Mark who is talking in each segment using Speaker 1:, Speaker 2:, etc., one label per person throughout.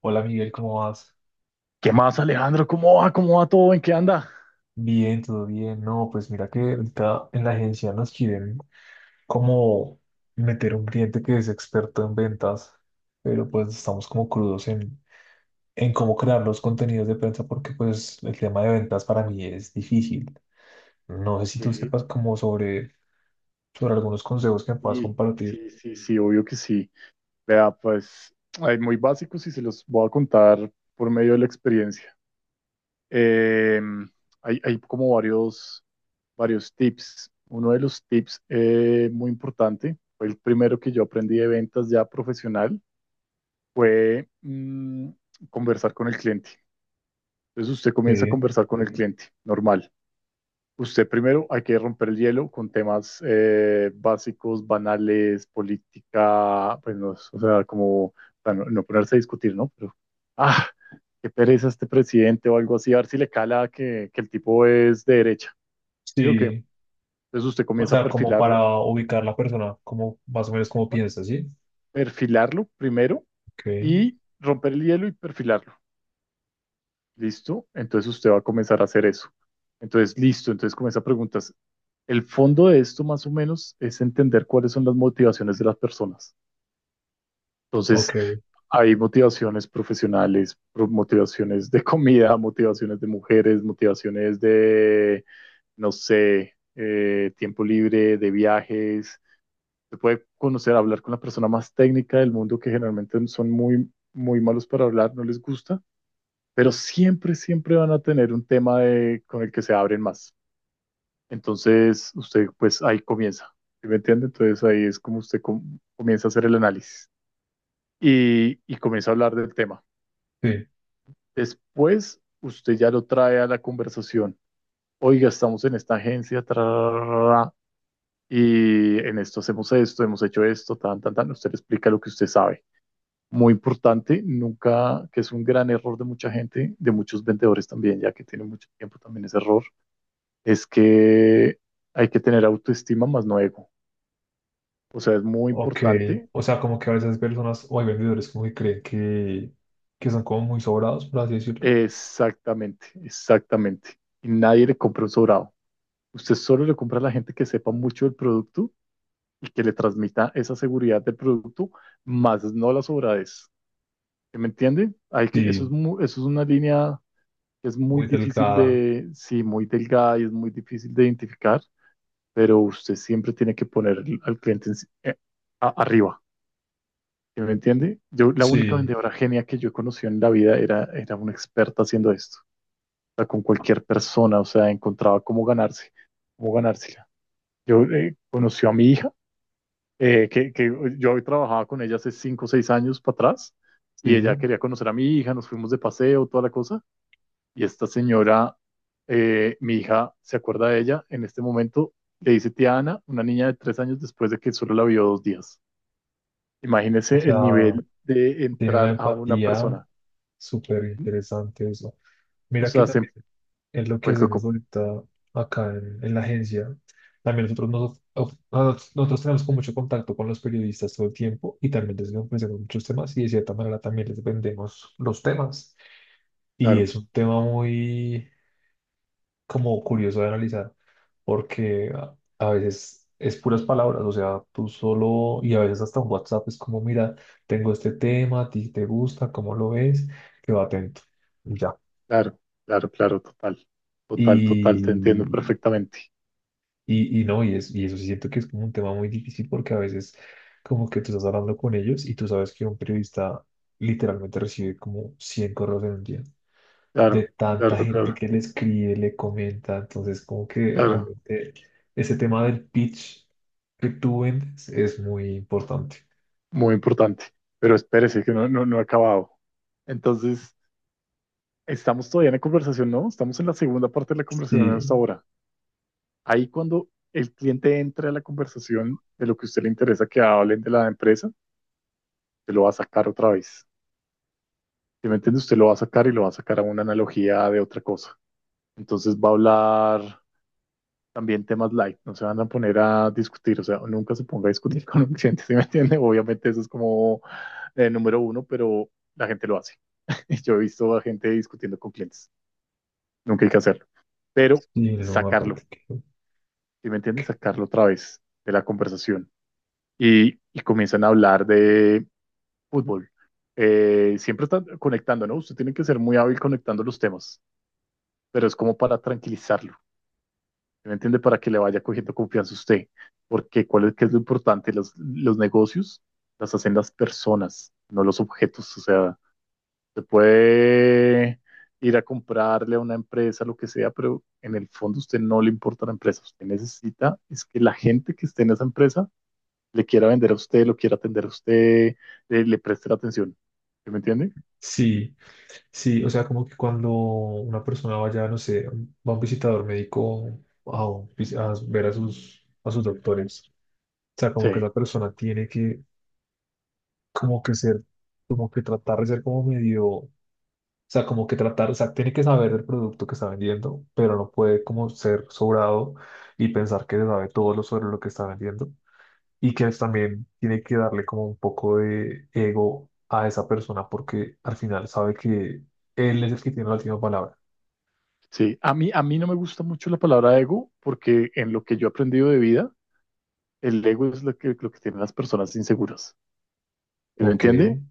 Speaker 1: Hola Miguel, ¿cómo vas?
Speaker 2: ¿Qué más, Alejandro? ¿Cómo va? ¿Cómo va todo? ¿En qué anda?
Speaker 1: Bien, todo bien. No, pues mira que ahorita en la agencia nos quieren como meter un cliente que es experto en ventas, pero pues estamos como crudos en cómo crear los contenidos de prensa porque pues el tema de ventas para mí es difícil. No sé si
Speaker 2: Ok,
Speaker 1: tú sepas como sobre algunos consejos que me puedas
Speaker 2: y
Speaker 1: compartir.
Speaker 2: sí, sí, sí, obvio que sí. Vea, pues, hay muy básicos y se los voy a contar por medio de la experiencia. Eh, hay, varios tips. Uno de los tips muy importante, fue el primero que yo aprendí de ventas ya profesional, fue conversar con el cliente. Entonces usted comienza a
Speaker 1: Sí,
Speaker 2: conversar con el cliente, normal. Usted primero hay que romper el hielo con temas básicos, banales, política, pues no, o sea, como bueno, no ponerse a discutir, ¿no? Pero, ah, qué pereza este presidente o algo así, a ver si le cala que el tipo es de derecha. Digo que,
Speaker 1: sí.
Speaker 2: entonces usted
Speaker 1: O
Speaker 2: comienza a
Speaker 1: sea, como para
Speaker 2: perfilarlo,
Speaker 1: ubicar la persona, como más o menos como piensa, ¿sí?
Speaker 2: perfilarlo primero
Speaker 1: Ok,
Speaker 2: y romper el hielo y perfilarlo. ¿Listo? Entonces usted va a comenzar a hacer eso. Entonces, listo. Entonces comienza a preguntas. El fondo de esto, más o menos, es entender cuáles son las motivaciones de las personas. Entonces,
Speaker 1: ok,
Speaker 2: hay motivaciones profesionales, motivaciones de comida, motivaciones de mujeres, motivaciones de, no sé, tiempo libre, de viajes. Se puede conocer, hablar con la persona más técnica del mundo que generalmente son muy, muy malos para hablar, no les gusta, pero siempre, siempre van a tener un tema de, con el que se abren más. Entonces, usted pues ahí comienza, ¿sí? ¿Me entiende? Entonces ahí es como usted comienza a hacer el análisis y comienza a hablar del tema.
Speaker 1: sí.
Speaker 2: Después, usted ya lo trae a la conversación. Oiga, estamos en esta agencia, tra, ra, ra, ra, y en esto hacemos esto, hemos hecho esto, tan, tan, tan. Usted le explica lo que usted sabe. Muy importante, nunca, que es un gran error de mucha gente, de muchos vendedores también, ya que tienen mucho tiempo también ese error, es que hay que tener autoestima, más no ego. O sea, es muy
Speaker 1: Ok,
Speaker 2: importante.
Speaker 1: o sea, como que a veces personas o hay vendedores como que creen que son como muy sobrados, por así decirlo.
Speaker 2: Exactamente, exactamente. Y nadie le compra un sobrado. Usted solo le compra a la gente que sepa mucho del producto y que le transmita esa seguridad del producto, más no la sobradez. ¿Sí? ¿Me entiende? Hay que, eso es,
Speaker 1: Sí,
Speaker 2: eso es una línea que es muy
Speaker 1: muy
Speaker 2: difícil
Speaker 1: delgada.
Speaker 2: de, sí, muy delgada y es muy difícil de identificar, pero usted siempre tiene que poner al cliente si, arriba. ¿Sí me entiende? Yo, la única
Speaker 1: Sí,
Speaker 2: vendedora genia que yo conocí en la vida era, era una experta haciendo esto. O sea, con cualquier persona, o sea, encontraba cómo ganarse, cómo ganársela. Yo conocí a mi hija, que yo trabajaba con ella hace 5 o 6 años para atrás, y ella
Speaker 1: sí.
Speaker 2: quería conocer a mi hija, nos fuimos de paseo, toda la cosa, y esta señora, mi hija se acuerda de ella en este momento, le dice tía Ana, una niña de 3 años después de que solo la vio 2 días.
Speaker 1: O
Speaker 2: Imagínese
Speaker 1: sea,
Speaker 2: el nivel de
Speaker 1: tiene una
Speaker 2: entrar a una
Speaker 1: empatía
Speaker 2: persona.
Speaker 1: súper interesante eso.
Speaker 2: O
Speaker 1: Mira que
Speaker 2: sea, se,
Speaker 1: también es lo que
Speaker 2: pues,
Speaker 1: hacemos ahorita acá en la agencia. También nosotros, nosotros tenemos como mucho contacto con los periodistas todo el tiempo y también les ofrecemos muchos temas y de cierta manera también les vendemos los temas. Y
Speaker 2: claro,
Speaker 1: es un tema muy como curioso de analizar, porque a veces es puras palabras, o sea, tú solo, y a veces hasta un WhatsApp es como, mira, tengo este tema, a ti te gusta, ¿cómo lo ves? Quedo atento, y ya.
Speaker 2: claro, claro, claro, total, total, total, te entiendo
Speaker 1: Y,
Speaker 2: perfectamente.
Speaker 1: y no, y, es, y eso sí siento que es como un tema muy difícil porque a veces como que tú estás hablando con ellos y tú sabes que un periodista literalmente recibe como 100 correos en un día.
Speaker 2: Claro,
Speaker 1: De tanta
Speaker 2: claro,
Speaker 1: gente
Speaker 2: claro,
Speaker 1: que le escribe, le comenta. Entonces, como que
Speaker 2: claro,
Speaker 1: realmente ese tema del pitch que tú vendes es muy importante.
Speaker 2: muy importante. Pero espérese, que no, no, no he acabado. Entonces, estamos todavía en la conversación, ¿no? Estamos en la segunda parte de la conversación
Speaker 1: Sí,
Speaker 2: hasta ahora. Ahí cuando el cliente entre a la conversación de lo que a usted le interesa que hablen de la empresa, se lo va a sacar otra vez. Si me entiende, usted lo va a sacar y lo va a sacar a una analogía de otra cosa. Entonces va a hablar también temas light, no se van a poner a discutir, o sea, nunca se ponga a discutir con un cliente, ¿sí me entiende? Obviamente eso es como el número uno, pero la gente lo hace. Yo he visto a gente discutiendo con clientes, nunca hay que hacerlo, pero
Speaker 1: sí, no,
Speaker 2: sacarlo,
Speaker 1: aparte que.
Speaker 2: ¿sí me entiende? Sacarlo otra vez de la conversación y comienzan a hablar de fútbol. Siempre están conectando, ¿no? Usted tiene que ser muy hábil conectando los temas, pero es como para tranquilizarlo. ¿Sí? ¿Me entiende? Para que le vaya cogiendo confianza a usted. Porque ¿cuál es, qué es lo importante? Los negocios las hacen las personas, no los objetos. O sea, se puede ir a comprarle a una empresa, lo que sea, pero en el fondo a usted no le importa la empresa. Usted necesita es que la gente que esté en esa empresa le quiera vender a usted, lo quiera atender a usted, le preste la atención. ¿Sí? ¿Me entiende?
Speaker 1: Sí, sí, o sea, como que cuando una persona vaya, no sé, va a un visitador médico a ver a sus doctores, o sea, como que
Speaker 2: Sí,
Speaker 1: esa persona tiene que, como que ser, como que tratar de ser como medio. O sea, como que tratar, o sea, tiene que saber el producto que está vendiendo, pero no puede como ser sobrado y pensar que se sabe todo lo sobre lo que está vendiendo. Y que también tiene que darle como un poco de ego a esa persona porque al final sabe que él es el que tiene la última palabra.
Speaker 2: sí. A mí no me gusta mucho la palabra ego porque en lo que yo he aprendido de vida, el ego es lo que tienen las personas inseguras, ¿sí me
Speaker 1: Ok,
Speaker 2: entiende?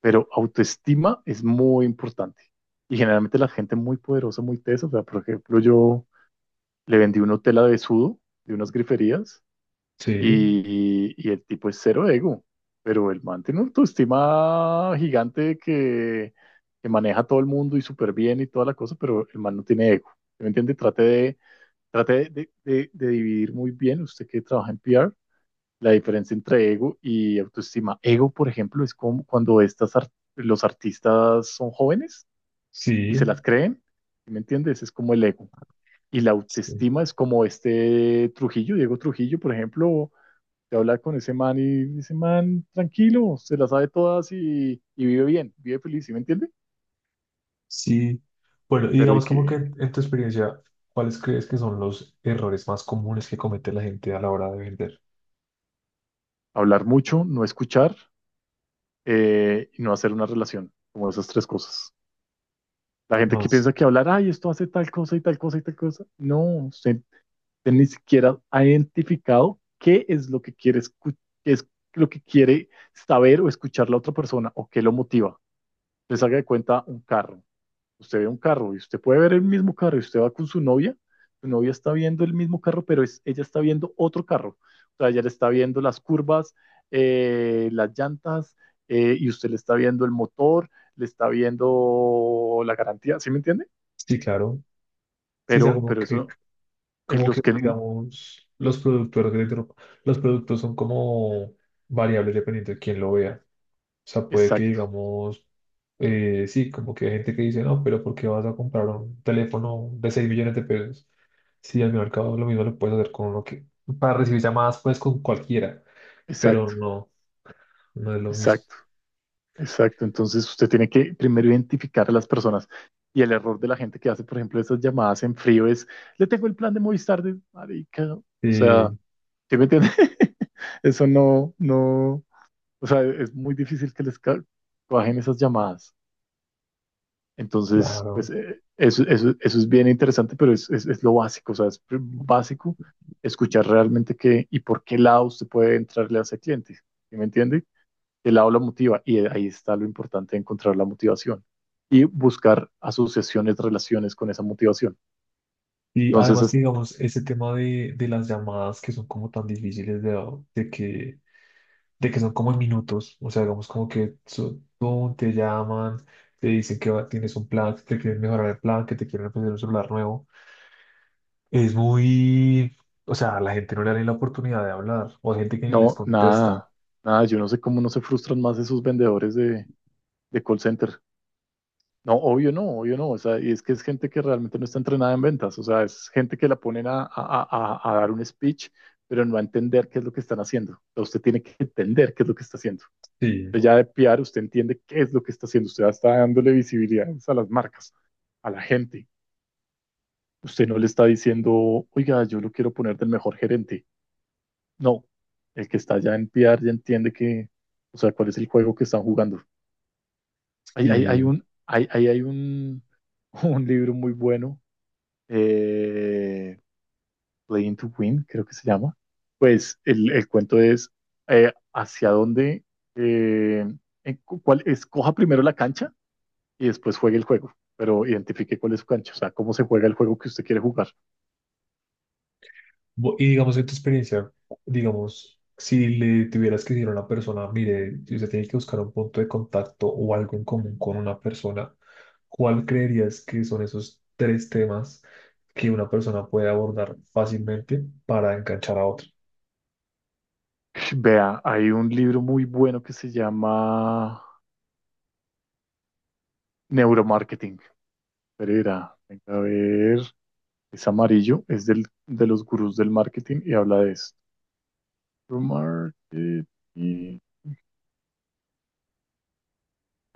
Speaker 2: Pero autoestima es muy importante. Y generalmente la gente muy poderosa, muy tesa, o sea, por ejemplo, yo le vendí una tela de sudo, de unas griferías,
Speaker 1: sí,
Speaker 2: y el tipo es cero ego, pero el man tiene una autoestima gigante que maneja a todo el mundo y súper bien y toda la cosa, pero el man no tiene ego. ¿Sí? ¿Me entiende? Trate de, de dividir muy bien, usted que trabaja en PR, la diferencia entre ego y autoestima. Ego, por ejemplo, es como cuando los artistas son jóvenes y se
Speaker 1: sí,
Speaker 2: las creen, ¿sí? ¿me entiendes? Es como el ego. Y la
Speaker 1: sí.
Speaker 2: autoestima es como este Trujillo, Diego Trujillo, por ejemplo, te habla con ese man y dice, man, tranquilo, se las sabe todas y vive bien, vive feliz, ¿sí me entiende?
Speaker 1: Sí. Bueno, y
Speaker 2: Pero hay
Speaker 1: digamos como que
Speaker 2: que
Speaker 1: en tu experiencia, ¿cuáles crees que son los errores más comunes que comete la gente a la hora de vender?
Speaker 2: hablar mucho, no escuchar, y no hacer una relación, como esas tres cosas. La gente que
Speaker 1: Más.
Speaker 2: piensa que hablar, ay, esto hace tal cosa y tal cosa y tal cosa. No, usted gente ni siquiera ha identificado qué es lo que quiere qué es lo que quiere saber o escuchar la otra persona o qué lo motiva. Les haga de cuenta un carro. Usted ve un carro y usted puede ver el mismo carro y usted va con su novia. Su novia está viendo el mismo carro, pero es, ella está viendo otro carro. O sea, ella le está viendo las curvas, las llantas, y usted le está viendo el motor, le está viendo la garantía, ¿sí me entiende?
Speaker 1: Sí, claro. Sí, o sea,
Speaker 2: Pero,
Speaker 1: como
Speaker 2: pero
Speaker 1: que,
Speaker 2: eso, eh, los que...
Speaker 1: digamos, los productores de dro- los productos son como variables dependiendo de quién lo vea. O sea, puede que,
Speaker 2: Exacto,
Speaker 1: digamos, sí, como que hay gente que dice, no, pero ¿por qué vas a comprar un teléfono de 6 millones de pesos? Si al mercado lo mismo lo puedes hacer con uno que, para recibir llamadas, pues con cualquiera, pero
Speaker 2: exacto,
Speaker 1: no, no es lo mismo.
Speaker 2: exacto. Exacto, entonces usted tiene que primero identificar a las personas. Y el error de la gente que hace, por ejemplo, esas llamadas en frío es, le tengo el plan de Movistar de marica. O sea,
Speaker 1: Sí,
Speaker 2: ¿sí me entiende? Eso no, no, o sea, es muy difícil que les cuajen esas llamadas. Entonces, pues
Speaker 1: claro.
Speaker 2: eso, eso, eso es bien interesante, pero es lo básico, o sea, es básico escuchar realmente qué y por qué lado usted puede entrarle a ese cliente. ¿Sí me entiende? El aula motiva y ahí está lo importante de encontrar la motivación y buscar asociaciones, relaciones con esa motivación.
Speaker 1: Y
Speaker 2: Entonces,
Speaker 1: además que,
Speaker 2: es-
Speaker 1: digamos, ese tema de las llamadas que son como tan difíciles de que son como en minutos, o sea, digamos como que tú te llaman, te dicen tienes un plan, que te quieren mejorar el plan, que te quieren ofrecer un celular nuevo. Es muy, o sea, a la gente no le da ni la oportunidad de hablar, o hay gente que ni les
Speaker 2: no,
Speaker 1: contesta.
Speaker 2: nada, nada, yo no sé cómo no se frustran más esos vendedores de call center. No, obvio no, obvio no. O sea, y es que es gente que realmente no está entrenada en ventas. O sea, es gente que la ponen a, dar un speech, pero no a entender qué es lo que están haciendo. O sea, usted tiene que entender qué es lo que está haciendo.
Speaker 1: Sí,
Speaker 2: Usted ya de PR, usted entiende qué es lo que está haciendo. Usted ya está dándole visibilidad a las marcas, a la gente. Usted no le está diciendo, oiga, yo lo quiero poner del mejor gerente. No, el que está ya en PR ya entiende que, o sea, cuál es el juego que están jugando. Hay, hay, hay
Speaker 1: sí.
Speaker 2: un, hay, hay, hay un, un libro muy bueno, eh, Playing to Win, creo que se llama. Pues el cuento es hacia dónde, eh, en cuál, escoja primero la cancha y después juegue el juego, pero identifique cuál es su cancha, o sea, cómo se juega el juego que usted quiere jugar.
Speaker 1: Y digamos, en tu experiencia, digamos, si le tuvieras que decir a una persona, mire, si usted tiene que buscar un punto de contacto o algo en común con una persona, ¿cuál creerías que son esos tres temas que una persona puede abordar fácilmente para enganchar a otro?
Speaker 2: Vea, hay un libro muy bueno que se llama Neuromarketing. Pero verá, venga a ver, es amarillo, es del, de los gurús del marketing y habla de esto. Neuromarketing.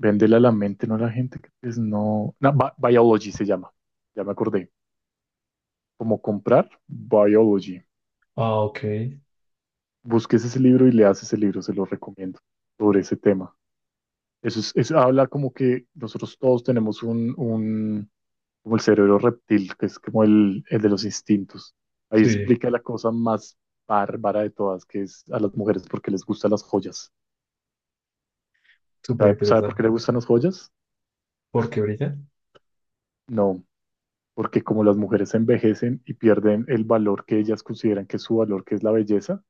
Speaker 2: Véndela a la mente, no a la gente que es no. No, Biology se llama. Ya me acordé. ¿Cómo comprar? Biology.
Speaker 1: Ah, ok.
Speaker 2: Busques ese libro y leas ese libro, se lo recomiendo, sobre ese tema. Eso es, eso habla como que nosotros todos tenemos un, como el cerebro reptil, que es como el de los instintos. Ahí
Speaker 1: Sí,
Speaker 2: explica la cosa más bárbara de todas, que es a las mujeres porque les gustan las joyas.
Speaker 1: súper
Speaker 2: ¿Sabe, sabe por
Speaker 1: interesante.
Speaker 2: qué les gustan las joyas?
Speaker 1: ¿Por qué brilla?
Speaker 2: No, porque como las mujeres envejecen y pierden el valor que ellas consideran que es su valor, que es la belleza,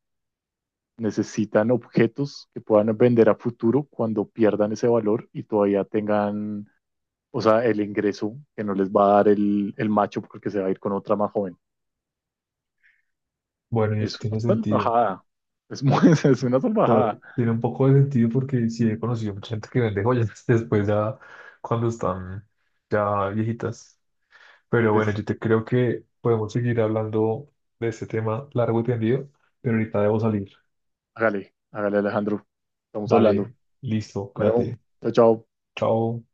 Speaker 2: necesitan objetos que puedan vender a futuro cuando pierdan ese valor y todavía tengan, o sea, el ingreso que no les va a dar el macho porque se va a ir con otra más joven.
Speaker 1: Bueno, y eso
Speaker 2: Es una
Speaker 1: tiene sentido.
Speaker 2: salvajada. Es, muy, es una
Speaker 1: O sea,
Speaker 2: salvajada.
Speaker 1: tiene un poco de sentido porque sí he conocido mucha gente que vende joyas después ya cuando están ya viejitas. Pero bueno,
Speaker 2: Pues,
Speaker 1: yo te creo que podemos seguir hablando de este tema largo y tendido, pero ahorita debo salir.
Speaker 2: hágale, hágale, Alejandro. Estamos hablando.
Speaker 1: Dale, listo,
Speaker 2: Bueno,
Speaker 1: cuídate.
Speaker 2: chao, chao.
Speaker 1: Chao.